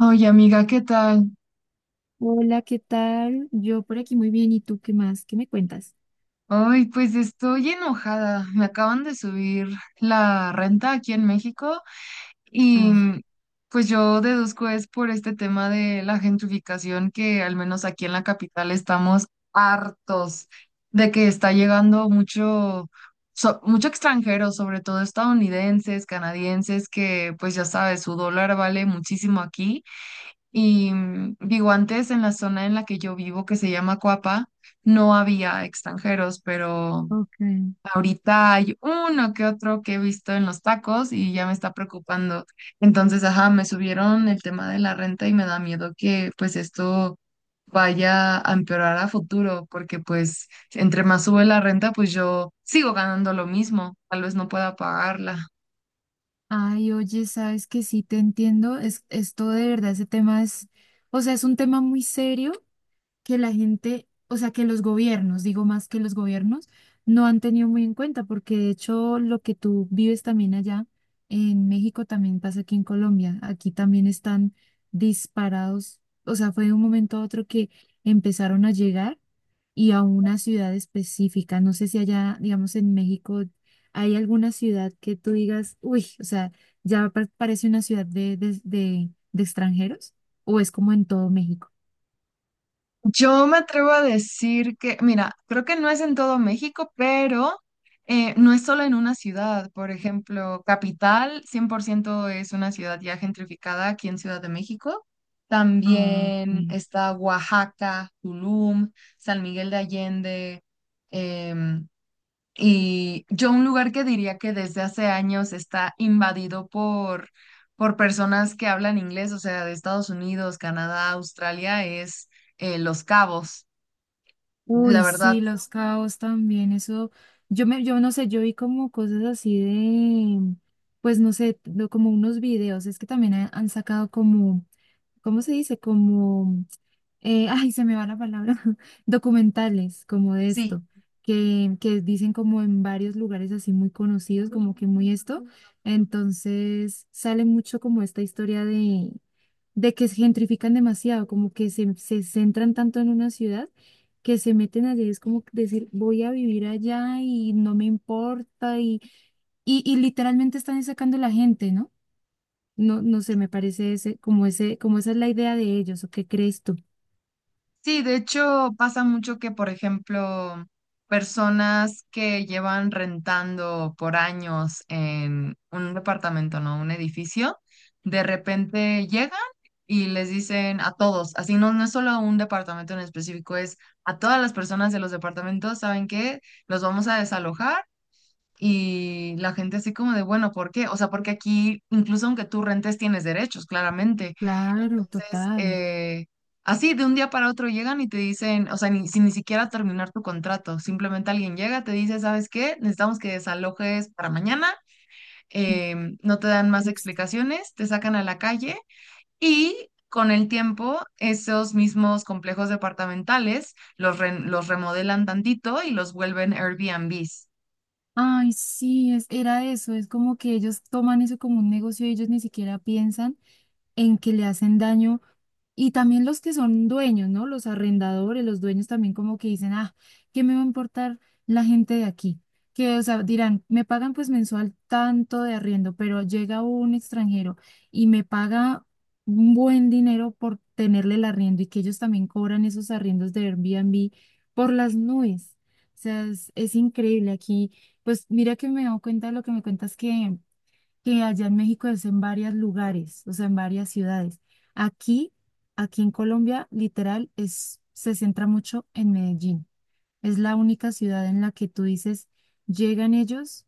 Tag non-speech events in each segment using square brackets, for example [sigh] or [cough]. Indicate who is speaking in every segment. Speaker 1: Oye, amiga, ¿qué tal?
Speaker 2: Hola, ¿qué tal? Yo por aquí muy bien. ¿Y tú qué más? ¿Qué me cuentas?
Speaker 1: Ay, pues estoy enojada. Me acaban de subir la renta aquí en México y
Speaker 2: Ah,
Speaker 1: pues yo deduzco es por este tema de la gentrificación que al menos aquí en la capital estamos hartos de que está llegando mucho, mucho extranjero, sobre todo estadounidenses, canadienses, que pues ya sabes, su dólar vale muchísimo aquí. Y digo, antes en la zona en la que yo vivo, que se llama Coapa, no había extranjeros, pero
Speaker 2: ok.
Speaker 1: ahorita hay uno que otro que he visto en los tacos y ya me está preocupando. Entonces, ajá, me subieron el tema de la renta y me da miedo que pues esto vaya a empeorar a futuro, porque pues entre más sube la renta, pues yo sigo ganando lo mismo, tal vez no pueda pagarla.
Speaker 2: Ay, oye, sabes que sí te entiendo. Es, esto de verdad, ese tema es, o sea, es un tema muy serio que la gente, o sea, que los gobiernos, digo más que los gobiernos, no han tenido muy en cuenta, porque de hecho lo que tú vives también allá en México también pasa aquí en Colombia. Aquí también están disparados, o sea, fue de un momento a otro que empezaron a llegar, y a una ciudad específica. No sé si allá, digamos, en México hay alguna ciudad que tú digas, uy, o sea, ya parece una ciudad de extranjeros o es como en todo México.
Speaker 1: Yo me atrevo a decir que, mira, creo que no es en todo México, pero no es solo en una ciudad. Por ejemplo, Capital 100% es una ciudad ya gentrificada aquí en Ciudad de México.
Speaker 2: Ah,
Speaker 1: También
Speaker 2: ok.
Speaker 1: está Oaxaca, Tulum, San Miguel de Allende, em, y yo un lugar que diría que desde hace años está invadido por personas que hablan inglés, o sea, de Estados Unidos, Canadá, Australia, es Los Cabos. La
Speaker 2: Uy,
Speaker 1: verdad,
Speaker 2: sí, Los Cabos también, eso, yo no sé, yo vi como cosas así de, pues no sé, como unos videos, es que también han sacado como ¿cómo se dice? Como, ay, se me va la palabra, [laughs] documentales como de
Speaker 1: sí.
Speaker 2: esto, que dicen como en varios lugares así muy conocidos, como que muy esto. Entonces sale mucho como esta historia de que se gentrifican demasiado, como que se centran tanto en una ciudad que se meten allí, es como decir, voy a vivir allá y no me importa y literalmente están sacando la gente, ¿no? No, no sé, me parece ese, como esa es la idea de ellos, ¿o qué crees tú?
Speaker 1: Sí, de hecho pasa mucho que, por ejemplo, personas que llevan rentando por años en un departamento, ¿no? Un edificio, de repente llegan y les dicen a todos, así no, no es solo a un departamento en específico, es a todas las personas de los departamentos, ¿saben qué? Los vamos a desalojar y la gente así como de, bueno, ¿por qué? O sea, porque aquí, incluso aunque tú rentes, tienes derechos, claramente.
Speaker 2: Claro,
Speaker 1: Entonces,
Speaker 2: total.
Speaker 1: así de un día para otro llegan y te dicen, o sea, ni, sin ni siquiera terminar tu contrato, simplemente alguien llega, te dice, ¿sabes qué? Necesitamos que desalojes para mañana, no te dan más
Speaker 2: Triste.
Speaker 1: explicaciones, te sacan a la calle y... Con el tiempo, esos mismos complejos departamentales los, los remodelan tantito y los vuelven Airbnbs.
Speaker 2: Ay, sí, es, era eso. Es como que ellos toman eso como un negocio y ellos ni siquiera piensan en que le hacen daño. Y también los que son dueños, ¿no? Los arrendadores, los dueños también como que dicen, ah, ¿qué me va a importar la gente de aquí? Que, o sea, dirán, me pagan pues mensual tanto de arriendo, pero llega un extranjero y me paga un buen dinero por tenerle el arriendo y que ellos también cobran esos arriendos de Airbnb por las nubes. O sea, es increíble aquí. Pues mira que me he dado cuenta de lo que me cuentas que allá en México es en varios lugares, o sea, en varias ciudades. Aquí, aquí en Colombia, literal, es, se centra mucho en Medellín. Es la única ciudad en la que tú dices, llegan ellos,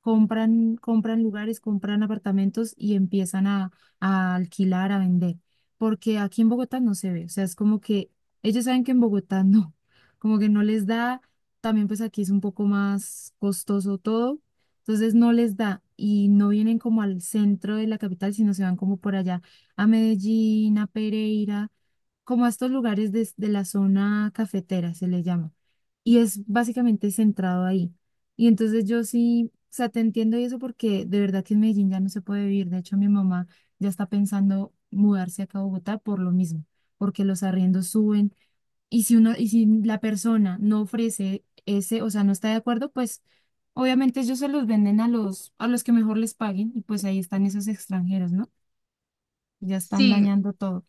Speaker 2: compran, compran lugares, compran apartamentos y empiezan a alquilar, a vender. Porque aquí en Bogotá no se ve. O sea, es como que ellos saben que en Bogotá [laughs] no, como que no les da. También pues aquí es un poco más costoso todo. Entonces no les da y no vienen como al centro de la capital, sino se van como por allá a Medellín, a Pereira, como a estos lugares de la zona cafetera, se le llama. Y es básicamente centrado ahí. Y entonces yo sí, o sea, te entiendo y eso porque de verdad que en Medellín ya no se puede vivir. De hecho, mi mamá ya está pensando mudarse acá a Bogotá por lo mismo, porque los arriendos suben. Y si uno, y si la persona no ofrece ese, o sea, no está de acuerdo, pues obviamente ellos se los venden a los que mejor les paguen, y pues ahí están esos extranjeros, ¿no? Ya están
Speaker 1: Sí,
Speaker 2: dañando todo.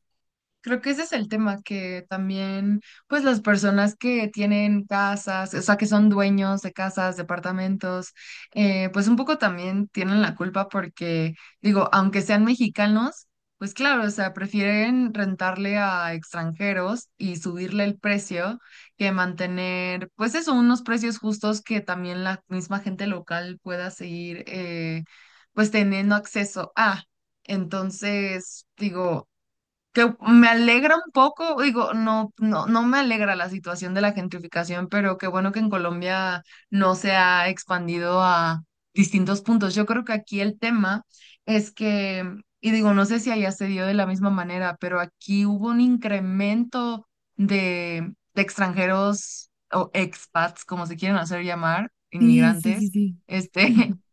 Speaker 1: creo que ese es el tema, que también, pues las personas que tienen casas, o sea, que son dueños de casas, departamentos, pues un poco también tienen la culpa porque, digo, aunque sean mexicanos, pues claro, o sea, prefieren rentarle a extranjeros y subirle el precio que mantener, pues eso, unos precios justos que también la misma gente local pueda seguir, pues teniendo acceso a. Entonces, digo que me alegra un poco, digo, no, no, no me alegra la situación de la gentrificación, pero qué bueno que en Colombia no se ha expandido a distintos puntos. Yo creo que aquí el tema es que, y digo, no sé si allá se dio de la misma manera, pero aquí hubo un incremento de extranjeros o expats, como se quieren hacer llamar,
Speaker 2: Sí, sí, sí,
Speaker 1: inmigrantes,
Speaker 2: sí.
Speaker 1: este,
Speaker 2: [laughs]
Speaker 1: [laughs]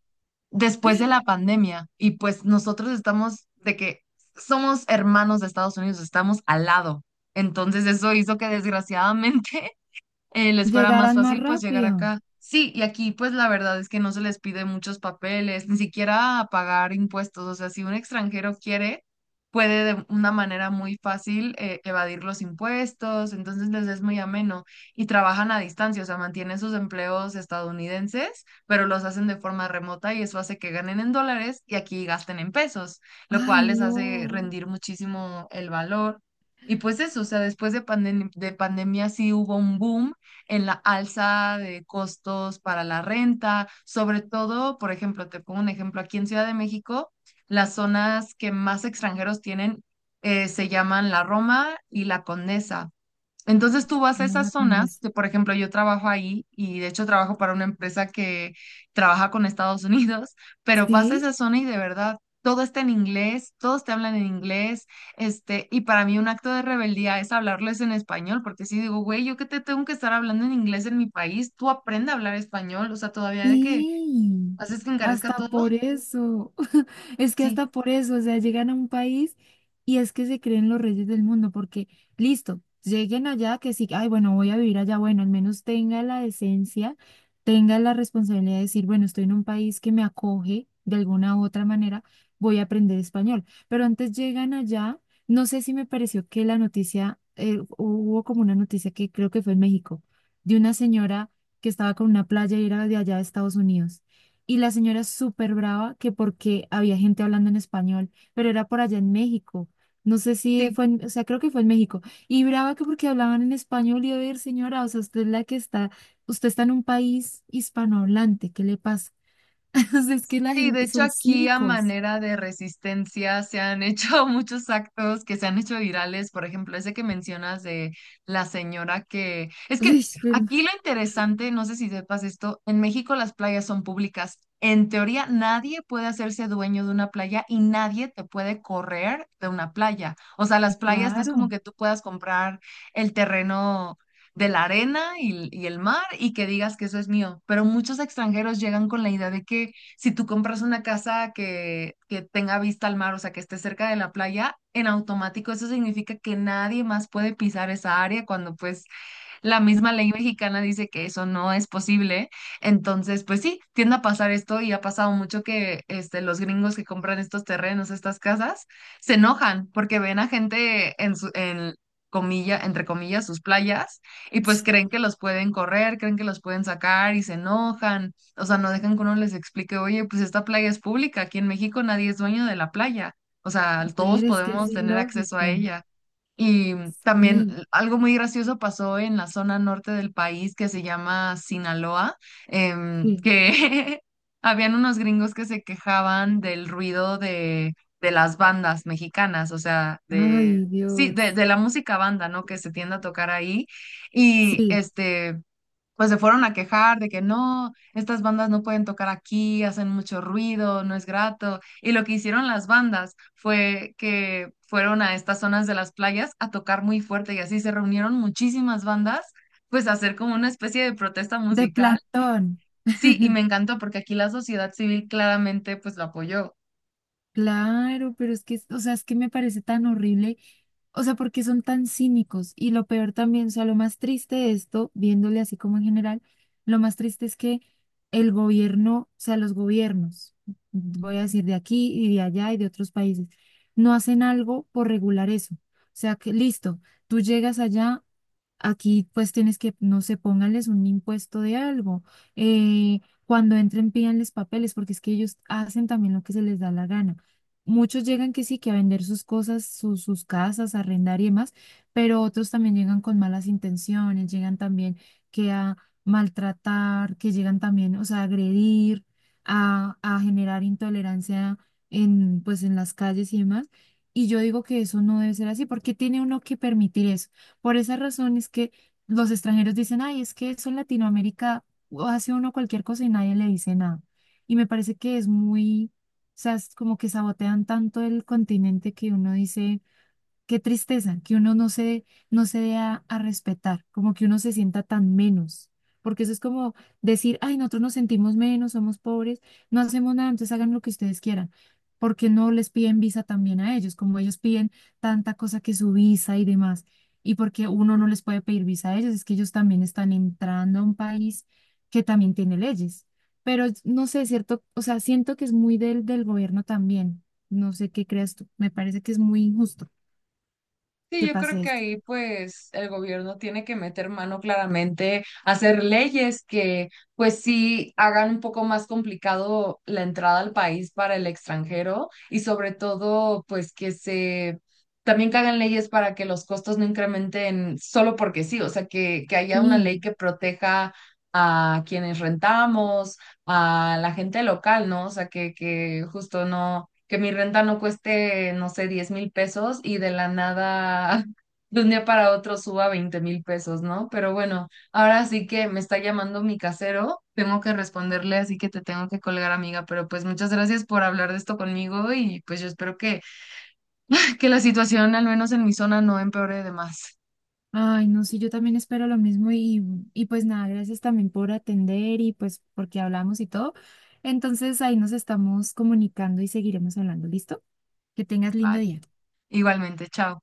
Speaker 1: después de la pandemia y pues nosotros estamos de que somos hermanos de Estados Unidos, estamos al lado. Entonces eso hizo que desgraciadamente les fuera más
Speaker 2: Llegarán más
Speaker 1: fácil pues llegar
Speaker 2: rápido.
Speaker 1: acá. Sí, y aquí pues la verdad es que no se les pide muchos papeles, ni siquiera pagar impuestos. O sea, si un extranjero quiere, puede de una manera muy fácil evadir los impuestos, entonces les es muy ameno y trabajan a distancia, o sea, mantienen sus empleos estadounidenses, pero los hacen de forma remota y eso hace que ganen en dólares y aquí gasten en pesos, lo
Speaker 2: Ay,
Speaker 1: cual les hace
Speaker 2: no.
Speaker 1: rendir muchísimo el valor. Y pues eso, o sea, después de pandemia sí hubo un boom en la alza de costos para la renta, sobre todo, por ejemplo, te pongo un ejemplo, aquí en Ciudad de México, las zonas que más extranjeros tienen se llaman la Roma y la Condesa. Entonces tú vas a
Speaker 2: No
Speaker 1: esas
Speaker 2: la
Speaker 1: zonas,
Speaker 2: condesa.
Speaker 1: que por ejemplo yo trabajo ahí y de hecho trabajo para una empresa que trabaja con Estados [laughs] Unidos, pero vas a
Speaker 2: ¿Sí?
Speaker 1: esa zona y de verdad todo está en inglés, todos te hablan en inglés, este, y para mí un acto de rebeldía es hablarles en español, porque si digo, güey, yo que te tengo que estar hablando en inglés en mi país, tú aprende a hablar español, o sea, todavía de que
Speaker 2: Sí,
Speaker 1: haces que encarezca
Speaker 2: hasta
Speaker 1: todo,
Speaker 2: por eso, [laughs] es que
Speaker 1: sí,
Speaker 2: hasta por eso, o sea, llegan a un país y es que se creen los reyes del mundo, porque listo, lleguen allá que sí, ay, bueno, voy a vivir allá, bueno, al menos tenga la decencia, tenga la responsabilidad de decir, bueno, estoy en un país que me acoge de alguna u otra manera, voy a aprender español, pero antes llegan allá, no sé si me pareció que la noticia, hubo como una noticia que creo que fue en México, de una señora que estaba con una playa y era de allá de Estados Unidos. Y la señora súper brava que porque había gente hablando en español, pero era por allá en México. No sé si
Speaker 1: sí.
Speaker 2: fue, o sea, creo que fue en México. Y brava que porque hablaban en español y a ver, señora, o sea, usted es la que está, usted está en un país hispanohablante, ¿qué le pasa? [laughs] O sea, es que la
Speaker 1: Sí, de
Speaker 2: gente,
Speaker 1: hecho
Speaker 2: son
Speaker 1: aquí a
Speaker 2: cínicos.
Speaker 1: manera de resistencia se han hecho [laughs] muchos actos que se han hecho virales, por ejemplo, ese que mencionas de la señora que... Es
Speaker 2: [laughs]
Speaker 1: que
Speaker 2: Uy, pero,
Speaker 1: aquí lo interesante, no sé si sepas esto, en México las playas son públicas. En teoría nadie puede hacerse dueño de una playa y nadie te puede correr de una playa. O sea, las playas no es como
Speaker 2: claro.
Speaker 1: que tú puedas comprar el terreno de la arena y el mar y que digas que eso es mío, pero muchos extranjeros llegan con la idea de que si tú compras una casa que tenga vista al mar, o sea, que esté cerca de la playa, en automático eso significa que nadie más puede pisar esa área cuando pues la misma ley mexicana dice que eso no es posible. Entonces, pues sí, tiende a pasar esto y ha pasado mucho que este, los gringos que compran estos terrenos, estas casas, se enojan porque ven a gente en su, en comilla, entre comillas, sus playas y pues creen que los pueden correr, creen que los pueden sacar y se enojan. O sea, no dejan que uno les explique, oye, pues esta playa es pública, aquí en México nadie es dueño de la playa. O sea,
Speaker 2: A ver,
Speaker 1: todos
Speaker 2: es que es
Speaker 1: podemos tener acceso a
Speaker 2: ilógico.
Speaker 1: ella. Y también
Speaker 2: Sí,
Speaker 1: algo muy gracioso pasó en la zona norte del país que se llama Sinaloa,
Speaker 2: sí.
Speaker 1: que [laughs] habían unos gringos que se quejaban del ruido de las bandas mexicanas, o sea, de,
Speaker 2: Ay,
Speaker 1: sí, de,
Speaker 2: Dios.
Speaker 1: de la música banda, ¿no? Que se tiende a tocar ahí. Y
Speaker 2: Sí,
Speaker 1: este pues se fueron a quejar de que no, estas bandas no pueden tocar aquí, hacen mucho ruido, no es grato. Y lo que hicieron las bandas fue que fueron a estas zonas de las playas a tocar muy fuerte y así se reunieron muchísimas bandas, pues a hacer como una especie de protesta
Speaker 2: de
Speaker 1: musical.
Speaker 2: Platón.
Speaker 1: Sí, y me encantó porque aquí la sociedad civil claramente pues lo apoyó.
Speaker 2: Claro, pero es que, o sea, es que me parece tan horrible, o sea, porque son tan cínicos y lo peor también, o sea, lo más triste de esto, viéndole así como en general, lo más triste es que el gobierno, o sea, los gobiernos, voy a decir de aquí y de allá y de otros países, no hacen algo por regular eso. O sea, que listo, tú llegas allá. Aquí pues tienes que, no sé, pónganles un impuesto de algo. Eh, cuando entren, pídanles papeles, porque es que ellos hacen también lo que se les da la gana. Muchos llegan que sí, que a vender sus cosas, sus, sus casas, a arrendar y demás, pero otros también llegan con malas intenciones, llegan también que a maltratar, que llegan también, o sea, a agredir, a generar intolerancia en, pues, en las calles y demás. Y yo digo que eso no debe ser así, porque tiene uno que permitir eso. Por esa razón es que los extranjeros dicen, ay, es que eso en Latinoamérica hace uno cualquier cosa y nadie le dice nada. Y me parece que es muy, o sea, es como que sabotean tanto el continente que uno dice, qué tristeza que uno no se dé a respetar, como que uno se sienta tan menos, porque eso es como decir, ay, nosotros nos sentimos menos, somos pobres, no hacemos nada, entonces hagan lo que ustedes quieran, porque no les piden visa también a ellos, como ellos piden tanta cosa que su visa y demás, y porque uno no les puede pedir visa a ellos, es que ellos también están entrando a un país que también tiene leyes, pero no sé, cierto, o sea, siento que es muy del, del gobierno también, no sé qué creas tú, me parece que es muy injusto
Speaker 1: Sí,
Speaker 2: que
Speaker 1: yo creo
Speaker 2: pase
Speaker 1: que
Speaker 2: esto.
Speaker 1: ahí pues el gobierno tiene que meter mano claramente, hacer leyes que pues sí hagan un poco más complicado la entrada al país para el extranjero y sobre todo pues que se también que hagan leyes para que los costos no incrementen solo porque sí, o sea, que haya una ley
Speaker 2: Sí.
Speaker 1: que proteja a quienes rentamos, a la gente local, ¿no? O sea, que justo no que mi renta no cueste, no sé, 10,000 pesos y de la nada, [laughs] de un día para otro suba 20,000 pesos, ¿no? Pero bueno, ahora sí que me está llamando mi casero, tengo que responderle, así que te tengo que colgar, amiga, pero pues muchas gracias por hablar de esto conmigo y pues yo espero que la situación, al menos en mi zona, no empeore de más.
Speaker 2: Ay, no, sí, yo también espero lo mismo y pues nada, gracias también por atender y pues porque hablamos y todo. Entonces ahí nos estamos comunicando y seguiremos hablando, ¿listo? Que tengas lindo
Speaker 1: Vale,
Speaker 2: día.
Speaker 1: igualmente, chao.